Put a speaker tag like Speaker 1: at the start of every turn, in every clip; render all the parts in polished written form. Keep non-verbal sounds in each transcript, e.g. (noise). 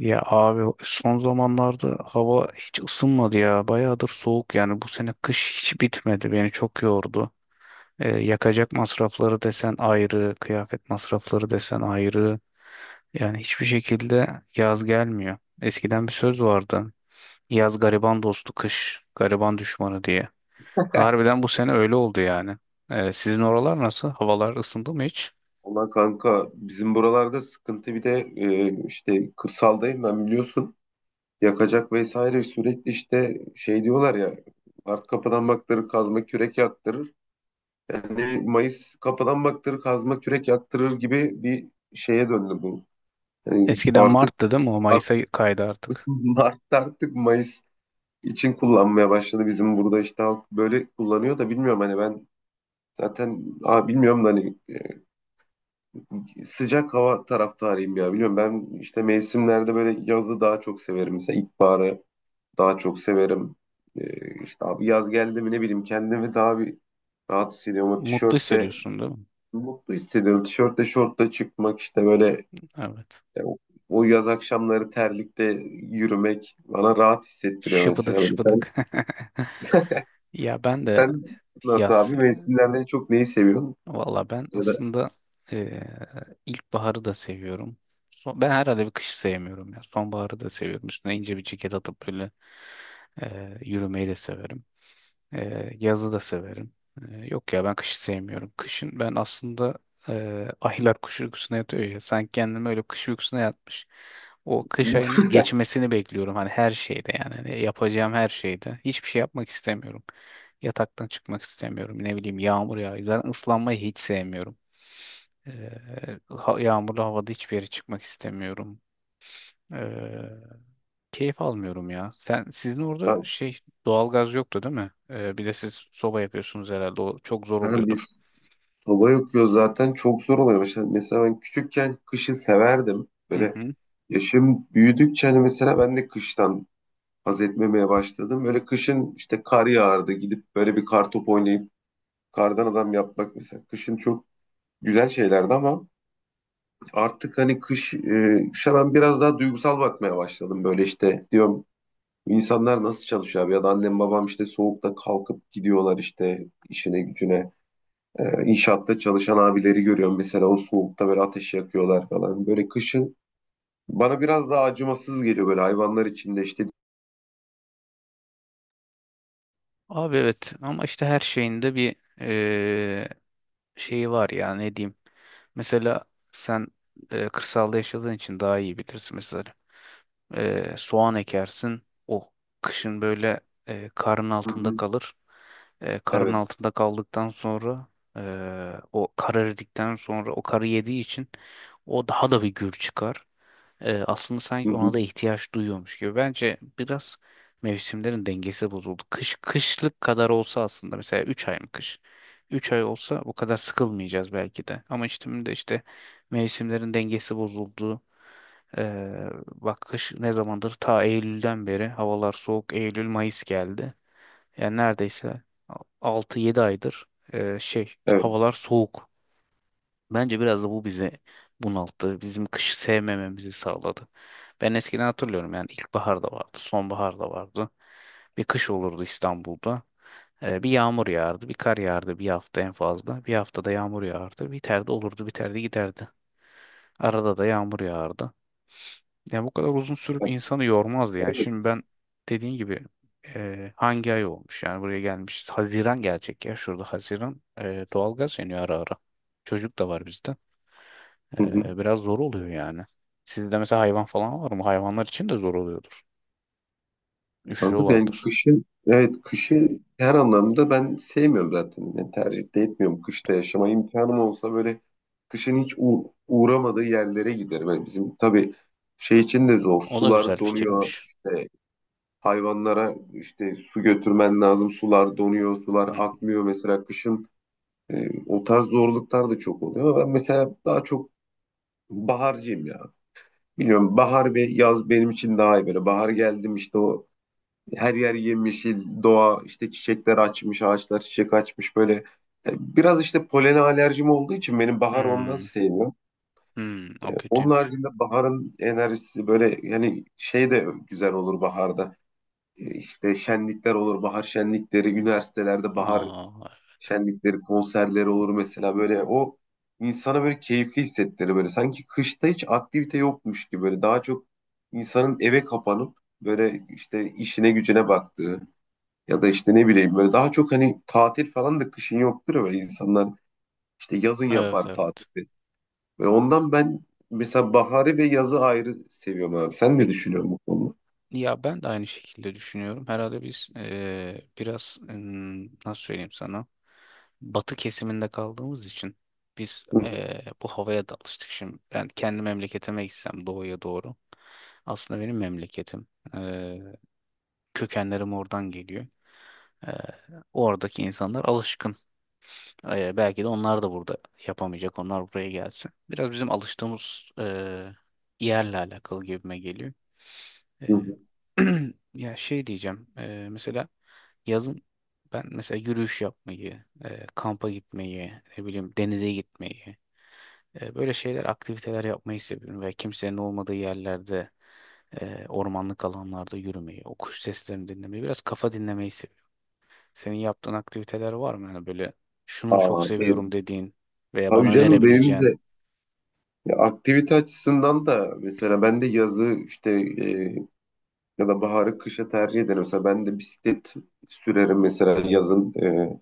Speaker 1: Ya abi son zamanlarda hava hiç ısınmadı ya. Bayağıdır soğuk yani bu sene kış hiç bitmedi. Beni çok yordu. Yakacak masrafları desen ayrı, kıyafet masrafları desen ayrı. Yani hiçbir şekilde yaz gelmiyor. Eskiden bir söz vardı. Yaz gariban dostu, kış gariban düşmanı diye.
Speaker 2: (laughs) Heh.
Speaker 1: Harbiden bu sene öyle oldu yani. Sizin oralar nasıl? Havalar ısındı mı hiç?
Speaker 2: Ona kanka bizim buralarda sıkıntı bir de işte kırsaldayım ben biliyorsun. Yakacak vesaire sürekli işte şey diyorlar ya art kapıdan baktırır kazma kürek yaktırır. Yani Mayıs kapıdan baktırır kazma kürek yaktırır gibi bir şeye döndü bu. Yani
Speaker 1: Eskiden
Speaker 2: artık
Speaker 1: Mart'tı değil mi? O
Speaker 2: at-
Speaker 1: Mayıs'a kaydı
Speaker 2: (laughs)
Speaker 1: artık.
Speaker 2: Mart artık Mayıs için kullanmaya başladı. Bizim burada işte halk böyle kullanıyor da bilmiyorum hani ben zaten bilmiyorum da hani sıcak hava taraftarıyım ya. Biliyorum ben işte mevsimlerde böyle yazı daha çok severim. Mesela ilkbaharı daha çok severim. İşte abi yaz geldi mi ne bileyim kendimi daha bir rahat hissediyorum. O
Speaker 1: Mutlu
Speaker 2: tişörtle
Speaker 1: hissediyorsun değil mi?
Speaker 2: mutlu hissediyorum. Tişörtle şortla çıkmak işte böyle
Speaker 1: Evet.
Speaker 2: e, o, o yaz akşamları terlikte yürümek bana rahat hissettiriyor
Speaker 1: Şıpıdık
Speaker 2: mesela. Böyle sen,
Speaker 1: şıpıdık. (laughs) Ya ben de
Speaker 2: sen nasıl
Speaker 1: yaz.
Speaker 2: abi mevsimlerden en çok neyi seviyorsun?
Speaker 1: Valla ben
Speaker 2: Ya da
Speaker 1: aslında eee ilkbaharı da seviyorum. Ben herhalde bir kışı sevmiyorum ya. Sonbaharı da seviyorum. Üstüne ince bir ceket atıp böyle yürümeyi de severim. Yazı da severim. Yok ya ben kışı sevmiyorum. Kışın ben aslında aylar kış uykusuna yatıyor ya. Sanki kendimi öyle kış uykusuna yatmış. O kış ayının
Speaker 2: (laughs)
Speaker 1: geçmesini bekliyorum. Hani her şeyde yani. Hani yapacağım her şeyde. Hiçbir şey yapmak istemiyorum. Yataktan çıkmak istemiyorum. Ne bileyim yağmur yağıyor. Zaten ıslanmayı hiç sevmiyorum. Ee, Yağmurlu havada hiçbir yere çıkmak istemiyorum. Ee, Keyif almıyorum ya. Sen sizin orada
Speaker 2: ben,
Speaker 1: şey doğalgaz yoktu değil mi? Bir de siz soba yapıyorsunuz herhalde. O çok zor
Speaker 2: ha,
Speaker 1: oluyordur.
Speaker 2: biz, hava yakıyor zaten çok zor oluyor. Mesela ben küçükken kışı severdim.
Speaker 1: Hı
Speaker 2: Böyle
Speaker 1: hı.
Speaker 2: yaşım büyüdükçe hani mesela ben de kıştan haz etmemeye başladım. Böyle kışın işte kar yağardı, gidip böyle bir kar topu oynayıp kardan adam yapmak mesela. Kışın çok güzel şeylerdi ama artık hani kış, kışa ben biraz daha duygusal bakmaya başladım. Böyle işte diyorum, "Bu insanlar nasıl çalışıyor abi ya da annem babam işte soğukta kalkıp gidiyorlar işte işine gücüne." İnşaatta çalışan abileri görüyorum mesela, o soğukta böyle ateş yakıyorlar falan. Böyle kışın bana biraz daha acımasız geliyor böyle, hayvanlar içinde işte.
Speaker 1: Abi evet ama işte her şeyin de bir eee, şeyi var ya ne diyeyim. Mesela sen kırsalda yaşadığın için daha iyi bilirsin. Mesela soğan ekersin. O kışın böyle karın
Speaker 2: Hı hı,
Speaker 1: altında kalır. Karın
Speaker 2: evet.
Speaker 1: altında kaldıktan sonra e, o kar eridikten sonra o karı yediği için o daha da bir gür çıkar. Aslında
Speaker 2: Hı
Speaker 1: sanki ona
Speaker 2: hı,
Speaker 1: da ihtiyaç duyuyormuş gibi. Bence biraz mevsimlerin dengesi bozuldu. Kış kışlık kadar olsa aslında mesela 3 ay mı kış? Üç ay olsa bu kadar sıkılmayacağız belki de. Ama işte şimdi de işte mevsimlerin dengesi bozuldu. Bak kış ne zamandır ta Eylül'den beri havalar soğuk, Eylül Mayıs geldi. Yani neredeyse altı yedi aydır şey
Speaker 2: evet.
Speaker 1: havalar soğuk. Bence biraz da bu bizi bunalttı. Bizim kışı sevmememizi sağladı. Ben eskiden hatırlıyorum yani ilkbahar da vardı, sonbahar da vardı. Bir kış olurdu İstanbul'da. Bir yağmur yağardı, bir kar yağardı bir hafta en fazla. Bir haftada yağmur yağardı, biterdi olurdu, biterdi giderdi. Arada da yağmur yağardı. Yani bu kadar uzun sürüp insanı yormazdı yani. Şimdi ben dediğin gibi hangi ay olmuş yani buraya gelmişiz. Haziran gelecek ya şurada Haziran. Doğalgaz yanıyor ara ara. Çocuk da var bizde.
Speaker 2: Hı hı.
Speaker 1: Biraz zor oluyor yani. Sizde mesela hayvan falan var mı? Hayvanlar için de zor oluyordur.
Speaker 2: Kanka yani
Speaker 1: Üşüyorlardır.
Speaker 2: kışın, evet, kışı her anlamda ben sevmiyorum zaten. Yani tercih de etmiyorum, kışta yaşama imkanım olsa böyle kışın hiç uğramadığı yerlere giderim. Yani bizim tabii şey için de zor.
Speaker 1: O da
Speaker 2: Sular
Speaker 1: güzel
Speaker 2: donuyor,
Speaker 1: fikirmiş.
Speaker 2: işte hayvanlara işte su götürmen lazım. Sular donuyor, sular
Speaker 1: Hı.
Speaker 2: akmıyor. Mesela kışın o tarz zorluklar da çok oluyor. Ben mesela daha çok baharcıyım ya. Biliyorum bahar ve yaz benim için daha iyi böyle. Bahar geldim işte, o her yer yemyeşil, doğa işte çiçekler açmış, ağaçlar çiçek açmış böyle. E, Biraz işte polene alerjim olduğu için benim bahar ondan
Speaker 1: Hmm,
Speaker 2: sevmiyorum.
Speaker 1: hmm, o
Speaker 2: Onun
Speaker 1: kötüymüş.
Speaker 2: haricinde baharın enerjisi böyle yani, şey de güzel olur baharda. İşte şenlikler olur, bahar şenlikleri, üniversitelerde bahar
Speaker 1: Aa,
Speaker 2: şenlikleri, konserleri olur mesela, böyle o insana böyle keyifli hissettirir böyle. Sanki kışta hiç aktivite yokmuş gibi, böyle daha çok insanın eve kapanıp böyle işte işine gücüne baktığı ya da işte ne bileyim, böyle daha çok hani tatil falan da kışın yoktur ya, böyle insanlar işte yazın yapar
Speaker 1: evet, evet.
Speaker 2: tatili. Ve ondan ben mesela baharı ve yazı ayrı seviyorum abi. Sen ne
Speaker 1: Peki,
Speaker 2: düşünüyorsun bu konuda?
Speaker 1: ya ben de aynı şekilde düşünüyorum. Herhalde biz biraz nasıl söyleyeyim sana? Batı kesiminde kaldığımız için biz
Speaker 2: Hı
Speaker 1: bu havaya da alıştık şimdi. Yani kendi memleketime gitsem doğuya doğru. Aslında benim memleketim. Eee, Kökenlerim oradan geliyor. Eee, Oradaki insanlar alışkın. Belki de onlar da burada yapamayacak. Onlar buraya gelsin. Biraz bizim alıştığımız yerle alakalı gibime geliyor. Ee,
Speaker 2: hı.
Speaker 1: (clears throat) Ya şey diyeceğim. Mesela yazın ben mesela yürüyüş yapmayı, kampa gitmeyi, ne bileyim denize gitmeyi, böyle şeyler, aktiviteler yapmayı seviyorum ve kimsenin olmadığı yerlerde, ormanlık alanlarda yürümeyi, o kuş seslerini dinlemeyi, biraz kafa dinlemeyi seviyorum. Senin yaptığın aktiviteler var mı? Yani böyle şunu çok
Speaker 2: Aa, ben,
Speaker 1: seviyorum dediğin veya
Speaker 2: tabii
Speaker 1: bana
Speaker 2: canım, benim
Speaker 1: önerebileceğin.
Speaker 2: de. Ya aktivite açısından da mesela ben de yazı işte, ya da baharı kışa tercih ederim. Mesela ben de bisiklet sürerim mesela yazın,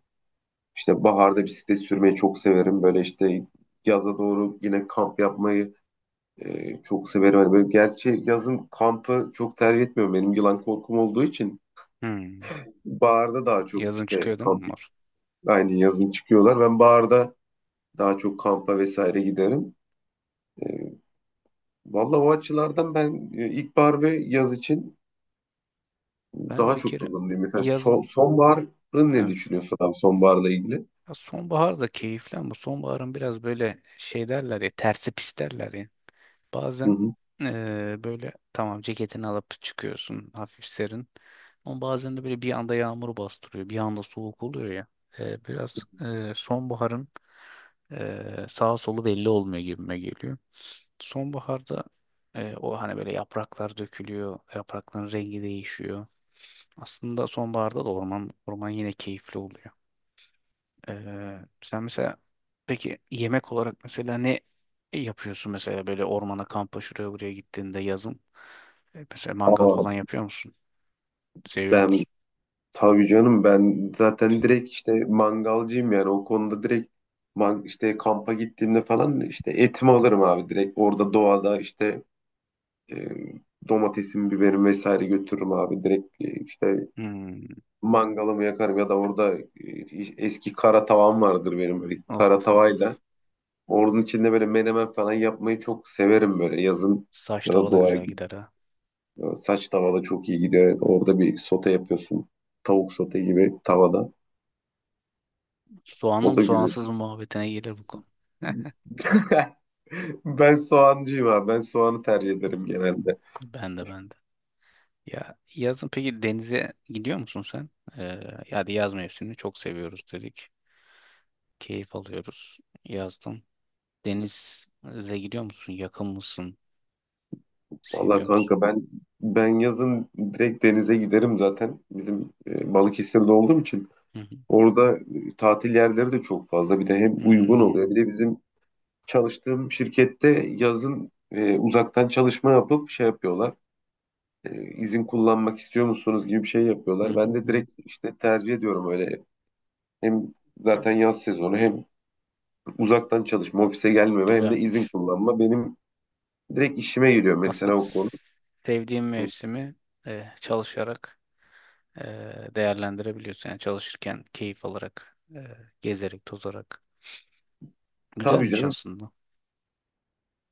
Speaker 2: işte baharda bisiklet sürmeyi çok severim. Böyle işte yaza doğru yine kamp yapmayı çok severim. Hani böyle gerçi yazın kampı çok tercih etmiyorum. Benim yılan korkum olduğu için
Speaker 1: Hmm,
Speaker 2: baharda daha çok
Speaker 1: yazın
Speaker 2: işte
Speaker 1: çıkıyor değil mi
Speaker 2: kamp,
Speaker 1: onlar?
Speaker 2: aynı yazın çıkıyorlar. Ben baharda daha çok kampa vesaire giderim. E, Valla o açılardan ben ilkbahar ve yaz için
Speaker 1: Ben de
Speaker 2: daha
Speaker 1: bir
Speaker 2: çok
Speaker 1: kere
Speaker 2: kullanılıyor. Mesela
Speaker 1: yazın,
Speaker 2: sonbaharın ne
Speaker 1: evet.
Speaker 2: düşünüyorsun abi, sonbaharla ilgili?
Speaker 1: Ya sonbahar da keyifli ama sonbaharın biraz böyle şey derler ya tersi pis derler ya.
Speaker 2: Hı
Speaker 1: Bazen
Speaker 2: hı.
Speaker 1: eee, böyle tamam ceketini alıp çıkıyorsun hafif serin. Ama bazen de böyle bir anda yağmur bastırıyor. Bir anda soğuk oluyor ya. Biraz sonbaharın sağa solu belli olmuyor gibime geliyor. Sonbaharda o hani böyle yapraklar dökülüyor. Yaprakların rengi değişiyor. Aslında sonbaharda da orman orman yine keyifli oluyor. Sen mesela peki yemek olarak mesela ne yapıyorsun mesela böyle ormana kampa şuraya buraya gittiğinde yazın? Mesela mangal
Speaker 2: Aa,
Speaker 1: falan yapıyor musun? Seviyor
Speaker 2: ben,
Speaker 1: musun?
Speaker 2: tabii canım, ben zaten direkt işte mangalcıyım yani, o konuda direkt işte kampa gittiğimde falan işte etimi alırım abi, direkt orada doğada işte e, domatesim, biberim vesaire götürürüm abi, direkt işte
Speaker 1: Hmm.
Speaker 2: mangalımı yakarım ya da orada eski kara tavam vardır benim, böyle
Speaker 1: Of
Speaker 2: kara
Speaker 1: of of.
Speaker 2: tavayla onun içinde böyle menemen falan yapmayı çok severim böyle yazın,
Speaker 1: Saç
Speaker 2: ya da
Speaker 1: tava da
Speaker 2: doğaya
Speaker 1: güzel gider ha.
Speaker 2: gidiyor. Saç tavada çok iyi gidiyor. Orada bir sote yapıyorsun. Tavuk sote gibi, tavada.
Speaker 1: Soğanlı
Speaker 2: O
Speaker 1: mı
Speaker 2: da güzel.
Speaker 1: soğansız mı muhabbetine gelir bu konu. Heh,
Speaker 2: (laughs) Ben soğancıyım abi. Ben soğanı tercih ederim
Speaker 1: (laughs)
Speaker 2: genelde.
Speaker 1: ben de, ben de. Ya yazın peki denize gidiyor musun sen? Ee, Ya da yaz mevsimini çok seviyoruz dedik. Keyif alıyoruz yazdan. Denize gidiyor musun? Yakın mısın?
Speaker 2: Vallahi
Speaker 1: Seviyor musun?
Speaker 2: kanka ben yazın direkt denize giderim zaten. Bizim Balıkesir'de olduğum için,
Speaker 1: Hı hı.
Speaker 2: orada tatil yerleri de çok fazla. Bir de hem uygun oluyor.
Speaker 1: Hmm.
Speaker 2: Bir de bizim çalıştığım şirkette yazın uzaktan çalışma yapıp şey yapıyorlar. İzin kullanmak istiyor musunuz gibi bir şey
Speaker 1: Hı
Speaker 2: yapıyorlar. Ben
Speaker 1: hı,
Speaker 2: de
Speaker 1: hı hı.
Speaker 2: direkt işte tercih ediyorum öyle. Hem
Speaker 1: Hı.
Speaker 2: zaten yaz sezonu, hem uzaktan çalışma, ofise gelmeme, hem de izin
Speaker 1: Güzelmiş.
Speaker 2: kullanma benim direkt işime geliyor mesela,
Speaker 1: Aslında
Speaker 2: o konu.
Speaker 1: s- Sevdiğim
Speaker 2: Hı.
Speaker 1: mevsimi çalışarak e, değerlendirebiliyorsun. Yani çalışırken keyif alarak, gezerek, tozarak.
Speaker 2: Tabii
Speaker 1: Güzelmiş
Speaker 2: canım.
Speaker 1: aslında.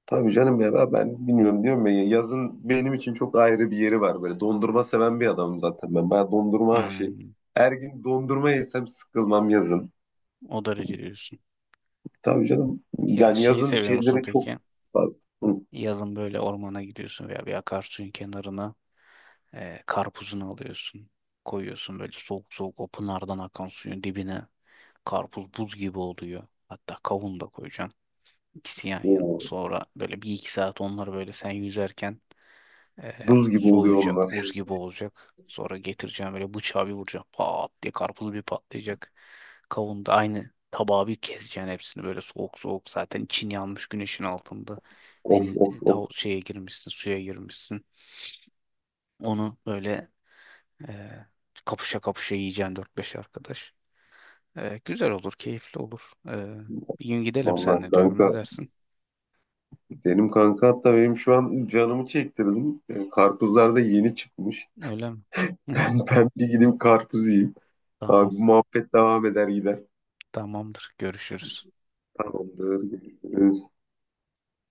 Speaker 2: Tabii canım ya, ben bilmiyorum diyorum ya, yazın benim için çok ayrı bir yeri var böyle, dondurma seven bir adamım zaten ben. Ben dondurma aşığım.
Speaker 1: Hmm.
Speaker 2: Her gün dondurma yesem sıkılmam yazın.
Speaker 1: O derece diyorsun.
Speaker 2: Tabii canım,
Speaker 1: Ya
Speaker 2: yani
Speaker 1: şeyi
Speaker 2: yazın
Speaker 1: seviyor musun
Speaker 2: şeyleri çok
Speaker 1: peki?
Speaker 2: fazla. Hı.
Speaker 1: Yazın böyle ormana gidiyorsun veya bir akarsuyun kenarına karpuzunu alıyorsun. Koyuyorsun böyle soğuk soğuk o pınardan akan suyun dibine. Karpuz buz gibi oluyor. Hatta kavun da koyacaksın. İkisi yan yana.
Speaker 2: Oo,
Speaker 1: Sonra böyle bir iki saat onları böyle sen yüzerken e,
Speaker 2: buz gibi oluyor
Speaker 1: soğuyacak.
Speaker 2: onlar.
Speaker 1: Buz gibi olacak. Sonra getireceğim böyle bıçağı bir vuracağım. Pat diye karpuz bir patlayacak. Kavun da aynı tabağı bir keseceksin hepsini böyle soğuk soğuk. Zaten için yanmış güneşin altında.
Speaker 2: Of
Speaker 1: Deniz
Speaker 2: of of.
Speaker 1: şeye girmişsin, suya girmişsin. Onu böyle e, kapışa kapışa yiyeceksin 4-5 arkadaş. Güzel olur, keyifli olur. Bir gün gidelim
Speaker 2: Vallahi
Speaker 1: seninle diyorum.
Speaker 2: kanka,
Speaker 1: Ne dersin?
Speaker 2: benim kanka hatta, benim şu an canımı çektirdim. Karpuzlar da yeni çıkmış.
Speaker 1: Öyle mi?
Speaker 2: (laughs)
Speaker 1: (laughs)
Speaker 2: Ben bir gideyim karpuz yiyeyim.
Speaker 1: Tamam.
Speaker 2: Abi bu muhabbet devam eder gider.
Speaker 1: Tamamdır. Görüşürüz.
Speaker 2: Tamamdır. Görüşürüz.